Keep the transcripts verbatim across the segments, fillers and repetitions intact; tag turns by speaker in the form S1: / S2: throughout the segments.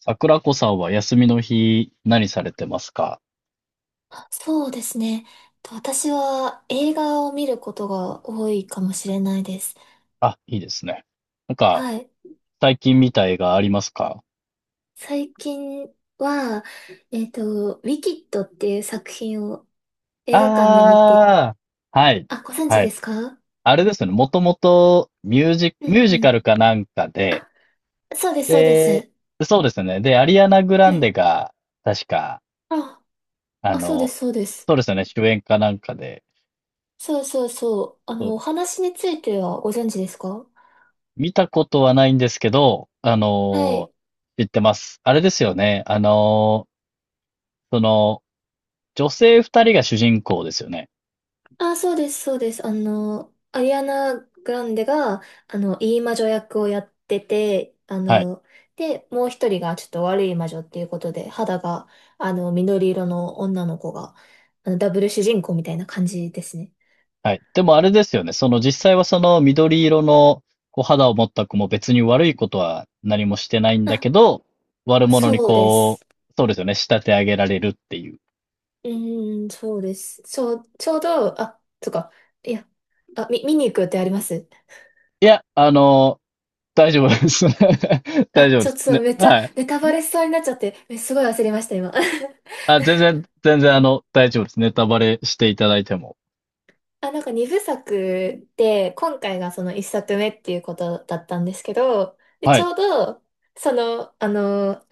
S1: 桜子さんは休みの日何されてますか？
S2: あ、そうですね。と私は映画を見ることが多いかもしれないです。
S1: あ、いいですね。なんか、
S2: はい。
S1: 最近見たいがありますか？
S2: 最近は、えっと、ウィキッドっていう作品を映画館で見て、
S1: ああー、はい、
S2: あ、ご存知
S1: は
S2: で
S1: い。
S2: すか？
S1: あれですね、もともとミュージ、
S2: う
S1: ミ
S2: ん
S1: ュージ
S2: う
S1: カ
S2: ん。
S1: ルかなんかで、
S2: あ、そうです、そうで
S1: で、
S2: す。
S1: そうですね。で、アリアナ・グラン
S2: ね。
S1: デが、確か、
S2: あ、
S1: あ
S2: あ、そうで
S1: の、
S2: す、そうです。
S1: そうですね、主演かなんかで、
S2: そうそうそう。あ
S1: そう
S2: の、
S1: で
S2: お
S1: す。
S2: 話についてはご存知ですか？
S1: 見たことはないんですけど、あ
S2: は
S1: の、
S2: い。
S1: 知ってます。あれですよね、あの、その、じょせいふたりが主人公ですよね。
S2: あ、そうです、そうです。あの、アリアナ・グランデが、あの、いい魔女役をやってて、あ
S1: はい。
S2: の、で、もう一人がちょっと悪い魔女っていうことで、肌が、あの、緑色の女の子が、あの、ダブル主人公みたいな感じですね。
S1: はい。でもあれですよね。その実際はその緑色のこう肌を持った子も別に悪いことは何もしてないん
S2: あ、
S1: だけど、悪者に
S2: そうで
S1: こ
S2: す。
S1: う、そうですよね。仕立て上げられるっていう。
S2: うーん、そうです。そう、ちょうど、あ、そっか。いや、あ、み、見に行くってあります？
S1: いや、あの、大丈夫です。大
S2: あ、
S1: 丈夫
S2: ち
S1: で
S2: ょっと
S1: す。
S2: そう、
S1: ね。
S2: めっちゃ
S1: はい。
S2: ネタバレしそうになっちゃって、えすごい焦りました、今。
S1: あ、全然、全然あの、大丈夫です。ネタバレしていただいても。
S2: あ、なんか二部作で、今回がその一作目っていうことだったんですけど、で、
S1: は
S2: ち
S1: い。
S2: ょうど、その、あの、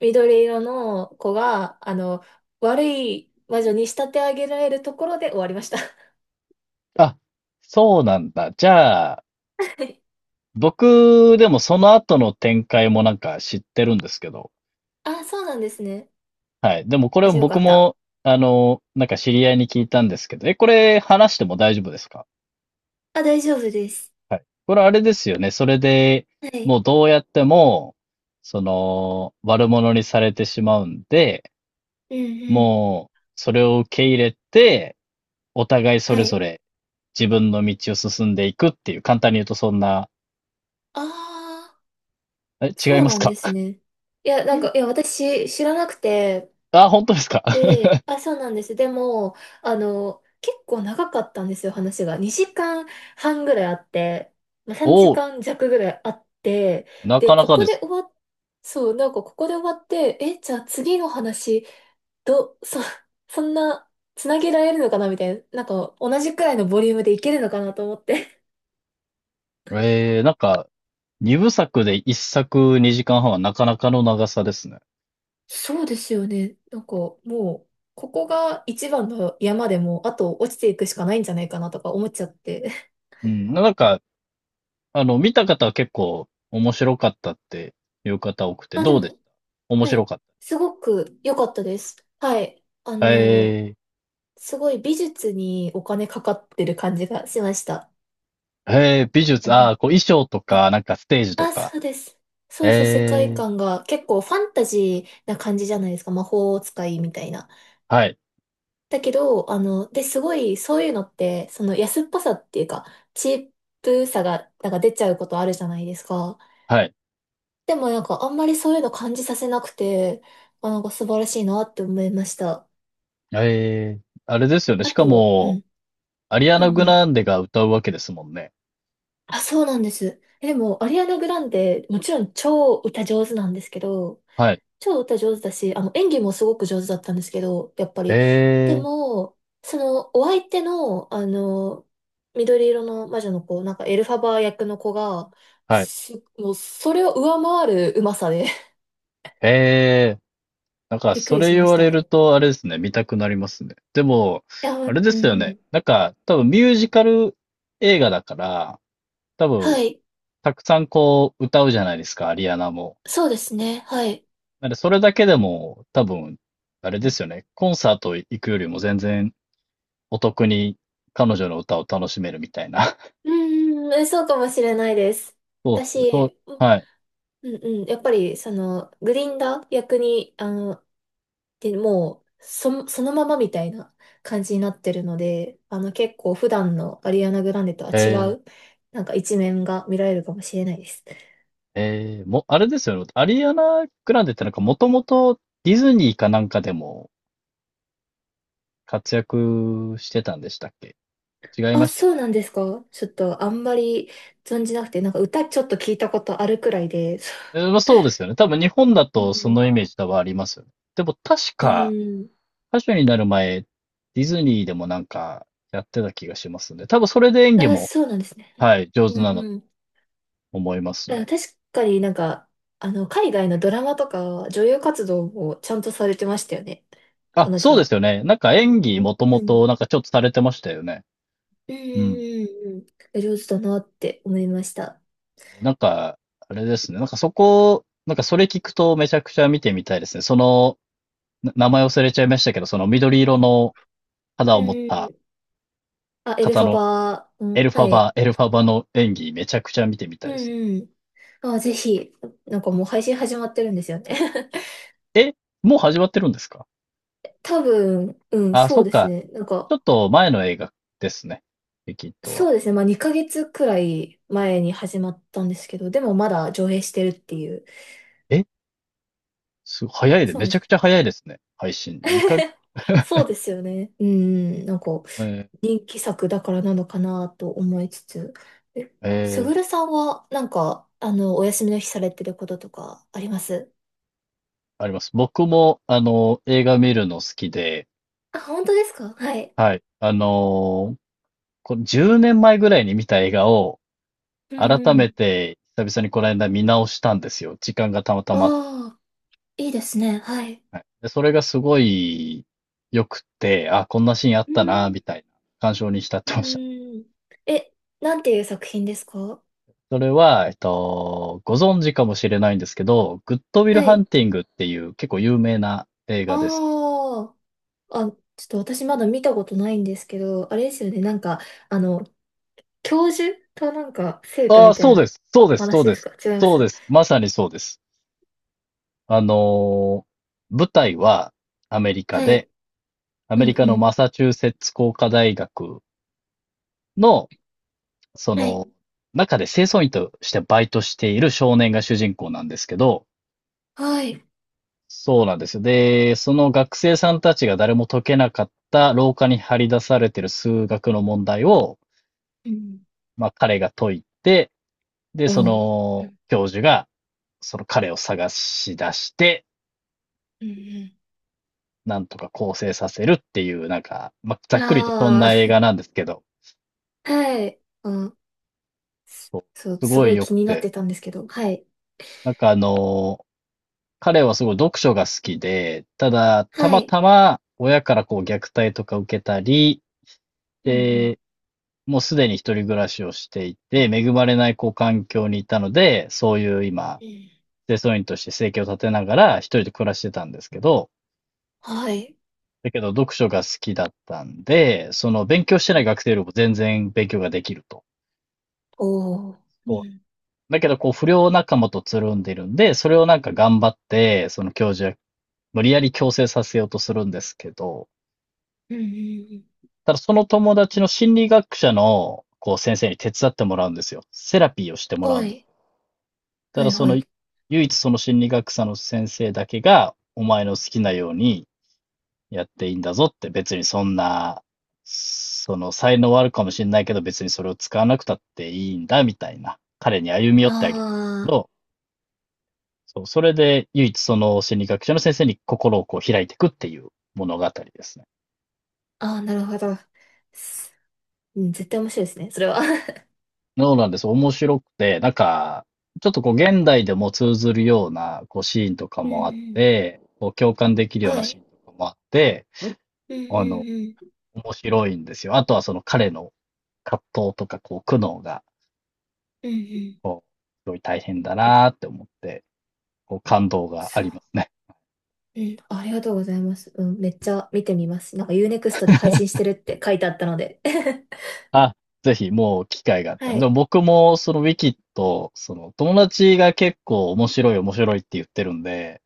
S2: 緑色の子が、あの、悪い魔女に仕立て上げられるところで終わりました。は
S1: あ、そうなんだ。じゃあ、
S2: い。
S1: 僕でもその後の展開もなんか知ってるんですけど。
S2: あ、そうなんですね。
S1: はい。でもこ
S2: あ、
S1: れ
S2: じゃあよか
S1: 僕
S2: った。
S1: も、あの、なんか知り合いに聞いたんですけど、え、これ話しても大丈夫ですか？
S2: あ、大丈夫です。
S1: はい。これあれですよね。それで、
S2: は
S1: も
S2: い。
S1: うどうやっても、その、悪者にされてしまうんで、
S2: うんうん。
S1: もう、それを受け入れて、お互いそ
S2: は
S1: れぞ
S2: い。
S1: れ自分の道を進んでいくっていう、簡単に言うとそんな、
S2: ああ、
S1: え、違
S2: そ
S1: い
S2: う
S1: ます
S2: なんで
S1: か？
S2: すね。いや、なんか、いや、私知らなくて、
S1: あ、本当ですか？
S2: ええ、あ、そうなんです。でも、あの、結構長かったんですよ、話が。にじかんはんぐらいあって、まあ、
S1: お
S2: 3
S1: お、
S2: 時間弱ぐらいあって、
S1: な
S2: で、
S1: かな
S2: こ
S1: か
S2: こ
S1: で
S2: で
S1: す
S2: 終わっ、そう、なんかここで終わって、え、じゃあ次の話、ど、そ、そんな、つなげられるのかなみたいな、なんか同じくらいのボリュームでいけるのかなと思って。
S1: ね。えー、なんか、にぶさくで一作にじかんはんはんはなかなかの長さですね。
S2: そうですよね。なんかもう、ここが一番の山でも、あと落ちていくしかないんじゃないかなとか思っちゃって。
S1: うん。なんか、あの、見た方は結構面白かったっていう方多くて、
S2: あ、で
S1: どうでし
S2: も、
S1: た？面
S2: は
S1: 白
S2: い。
S1: かっ
S2: すごく良かったです。はい。あ
S1: た。
S2: の、
S1: え
S2: すごい美術にお金かかってる感じがしました。
S1: ー、えー、美
S2: あ
S1: 術、ああ、
S2: の、
S1: こう衣装と
S2: はい。
S1: か、なんかステージと
S2: あ、
S1: か。
S2: そうです。そうそう、世界
S1: えー、
S2: 観が結構ファンタジーな感じじゃないですか。魔法使いみたいな。
S1: はい、
S2: だけど、あの、で、すごい、そういうのって、その安っぽさっていうか、チープさが、なんか出ちゃうことあるじゃないですか。
S1: はい。
S2: でもなんか、あんまりそういうの感じさせなくて、あ、なんか素晴らしいなって思いました。
S1: えー、あれですよね。
S2: あ
S1: しか
S2: と、う
S1: も、
S2: ん。
S1: アリア
S2: う
S1: ナ・
S2: ん
S1: グ
S2: うん、
S1: ランデが歌うわけですもんね。
S2: あ、そうなんです。え、でも、アリアナ・グランデ、もちろん超歌上手なんですけど、
S1: はい。
S2: 超歌上手だし、あの、演技もすごく上手だったんですけど、やっぱり。で
S1: えー、
S2: も、その、お相手の、あの、緑色の魔女の子、なんかエルファバー役の子が、
S1: はい。
S2: す、もう、それを上回るうまさで。
S1: えー、なん か、
S2: びっく
S1: そ
S2: り
S1: れ
S2: しま
S1: 言
S2: し
S1: わ
S2: た
S1: れる
S2: ね。
S1: と、あれですね、見たくなりますね。でも、
S2: いや、う
S1: あ
S2: ん
S1: れで
S2: う
S1: すよね。
S2: ん。
S1: なんか、多分ミュージカル映画だから、多
S2: は
S1: 分、
S2: い。
S1: たくさんこう歌うじゃないですか、アリアナも。
S2: そうですね。はい。
S1: なんでそれだけでも多分、あれですよね、コンサート行くよりも全然お得に彼女の歌を楽しめるみたいな。
S2: うんうんうん、えそうかもしれないです。
S1: そうですね、そう、
S2: 私、
S1: はい。
S2: うんうん。やっぱり、その、グリンダー役に、あの、で、もう、そ、そのままみたいな感じになってるので、あの、結構普段のアリアナ・グランデとは違
S1: えー、
S2: う、なんか一面が見られるかもしれないです。
S1: えー、も、あれですよね、アリアナ・グランデってなんかもともとディズニーかなんかでも活躍してたんでしたっけ？違い
S2: あ、
S1: まし
S2: そうなんですか？ちょっとあんまり存じなくて、なんか歌ちょっと聞いたことあるくらいで。
S1: た。えー、まあそうで すよね。多分日本だ
S2: う
S1: とそ
S2: ん
S1: のイメージ多分ありますよね。でも確
S2: うん。
S1: か、
S2: うん。
S1: 歌手になる前、ディズニーでもなんかやってた気がしますね。多分それで演技
S2: あ、
S1: も、
S2: そうなんですね。
S1: はい、上
S2: う
S1: 手なん
S2: ん
S1: だと
S2: うん。
S1: 思います
S2: あ、確
S1: ね。
S2: かになんか、あの、海外のドラマとか、女優活動もちゃんとされてましたよね。
S1: あ、
S2: 彼
S1: そ
S2: 女
S1: うで
S2: は。
S1: すよね。なんか演技
S2: うん
S1: もとも
S2: うん。
S1: となんかちょっとされてましたよね。
S2: うんう
S1: うん。
S2: んうんうん。上手だなって思いました。
S1: なんか、あれですね。なんかそこ、なんかそれ聞くとめちゃくちゃ見てみたいですね。その、な名前忘れちゃいましたけど、その緑色の肌
S2: う
S1: を
S2: ん
S1: 持っ
S2: う
S1: た
S2: ん。あ、エル
S1: 方
S2: ファ
S1: の
S2: バー、う
S1: エ
S2: ん、
S1: ルフ
S2: は
S1: ァバ、
S2: い。
S1: エルファバの演技めちゃくちゃ見てみたいですね。
S2: うんうん。あ、ぜひ、なんかもう配信始まってるんですよね。
S1: え、もう始まってるんですか？
S2: 多分、うん、
S1: あ、
S2: そ
S1: そ
S2: う
S1: っ
S2: です
S1: か。
S2: ね。なん
S1: ちょ
S2: か、
S1: っと前の映画ですね。リキッドは。
S2: そうですね。まあにかげつくらい前に始まったんですけど、でもまだ上映してるっていう。
S1: えすい、早いで、
S2: そう
S1: め
S2: で
S1: ち
S2: す
S1: ゃく
S2: ね。
S1: ちゃ早いですね。配信。にかげつ、
S2: そ うですよね。うん、なんか
S1: えー
S2: 人気作だからなのかなと思いつつ。え、
S1: え
S2: す
S1: ー
S2: ぐるさんはなんか、あの、お休みの日されてることとかあります？
S1: あります。僕も、あの、映画見るの好きで、
S2: あ、本当ですか？はい。
S1: あの、こじゅうねんまえぐらいに見た映画を、
S2: うんう
S1: 改め
S2: ん。
S1: て、久々にこの間見直したんですよ。時間がたまた
S2: あ
S1: ま。
S2: あ、いいですね。はい。
S1: はい。で、それがすごい良くて、あ、こんなシーンあっ
S2: う
S1: たな、
S2: ん。
S1: みたいな、感傷に浸っ
S2: う
S1: てました。
S2: ん。え、なんていう作品ですか？
S1: それは、えっと、ご存知かもしれないんですけど、グッドウィル
S2: は
S1: ハン
S2: い。
S1: ティングっていう結構有名な映画です。
S2: ああ、あ、ちょっと私まだ見たことないんですけど、あれですよね。なんか、あの、教授となんか生徒
S1: ああ、
S2: みた
S1: そ
S2: い
S1: うで
S2: な
S1: す。そうです。そ
S2: 話
S1: う
S2: で
S1: で
S2: す
S1: す。
S2: か？違いま
S1: そうで
S2: す？
S1: す。まさにそうです。あのー舞台はアメリカ
S2: は
S1: で、
S2: い。
S1: ア
S2: う
S1: メ
S2: ん
S1: リカ
S2: う
S1: の
S2: ん。
S1: マサチューセッツ工科大学の、そ
S2: はい。
S1: の、中で清掃員としてバイトしている少年が主人公なんですけど、
S2: はい。
S1: そうなんですよ。で、その学生さんたちが誰も解けなかった廊下に張り出されている数学の問題を、
S2: うん。
S1: まあ彼が解いて、で、
S2: おお
S1: そ
S2: ー。う
S1: の
S2: ん
S1: 教授がその彼を探し出して、
S2: うん
S1: なんとか構成させるっていう、なんか、まあ、ざ
S2: うん、
S1: っくりとそん
S2: あ
S1: な映画なんですけど、
S2: あ、はい。うん、
S1: そう、
S2: そう、
S1: す
S2: す
S1: ご
S2: ご
S1: い
S2: い
S1: 良
S2: 気
S1: く
S2: になって
S1: て、
S2: たんですけど。はい。
S1: なんかあの、彼はすごい読書が好きで、ただ、た
S2: は
S1: ま
S2: い。
S1: たま親からこう虐待とか受けたり、
S2: うんうん
S1: で、もうすでに一人暮らしをしていて、恵まれないこう環境にいたので、そういう今、
S2: うん、
S1: 清掃員として生計を立てながら一人で暮らしてたんですけど、
S2: はい。
S1: だけど、読書が好きだったんで、その勉強して
S2: う
S1: ない
S2: ん、
S1: 学生よりも全然勉強ができると。
S2: おお。う
S1: そ
S2: ん
S1: うだけど、こう、不良仲間とつるんでるんで、それをなんか頑張って、その教授は無理やり強制させようとするんですけど、
S2: うんうん
S1: ただその友達の心理学者の、こう、先生に手伝ってもらうんですよ。セラピーをしても
S2: うん、
S1: らうん
S2: は
S1: です。
S2: い。
S1: た
S2: は
S1: だ
S2: い
S1: そ
S2: は
S1: の、
S2: い。
S1: 唯一その心理学者の先生だけが、お前の好きなようにやっていいんだぞって別にそんな、その才能はあるかもしれないけど別にそれを使わなくたっていいんだみたいな、彼に歩み寄っ
S2: あ
S1: てあげるんですけど、そう、それで唯一その心理学者の先生に心をこう開いていくっていう物語ですね。
S2: あ、ああ、なるほど。すうん、絶対面白いですね、それは。
S1: そうなんです。面白くて、なんか、ちょっとこう現代でも通ずるようなこうシーンとか
S2: うんう
S1: もあっ
S2: ん
S1: て、こう共感でき るよう
S2: は
S1: なシーン
S2: い。
S1: とかもあって、
S2: うんう
S1: あの、
S2: んうん
S1: 面白いんですよ。あとはその彼の葛藤とかこう苦悩が
S2: うんうん、
S1: こう、すごい大変だなーって思って、こう、感動があ
S2: そう。
S1: りますね。
S2: うん、ありがとうございます。うん、めっちゃ見てみます。なんか u ネクストで配信してるって書いてあったので。
S1: あ、ぜひもう機会があった
S2: は
S1: ら。でも
S2: い。
S1: 僕もそのウィキッド、その友達が結構面白い面白いって言ってるんで、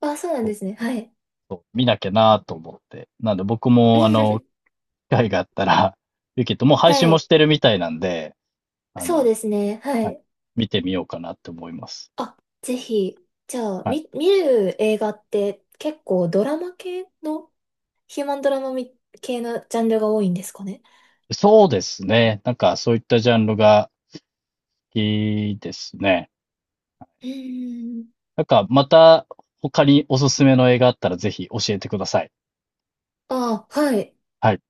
S2: あ、そうなん
S1: そ
S2: で
S1: う
S2: すね。はい。
S1: そう見なきゃなーと思って。なんで僕もあの、機 会があったら、ウィキッドもう配
S2: は
S1: 信も
S2: い。
S1: してるみたいなんで、あ
S2: そう
S1: の、
S2: ですね。は
S1: はい、
S2: い。
S1: 見てみようかなって思います。
S2: あ、ぜひ。じゃあ、
S1: はい。
S2: み、見る映画って結構ドラマ系の、ヒューマンドラマみ系のジャンルが多いんですかね。
S1: そうですね。なんかそういったジャンルがいいですね。
S2: うーん。
S1: なんか、また他におすすめの映画あったらぜひ教えてください。
S2: あ、はい。
S1: はい。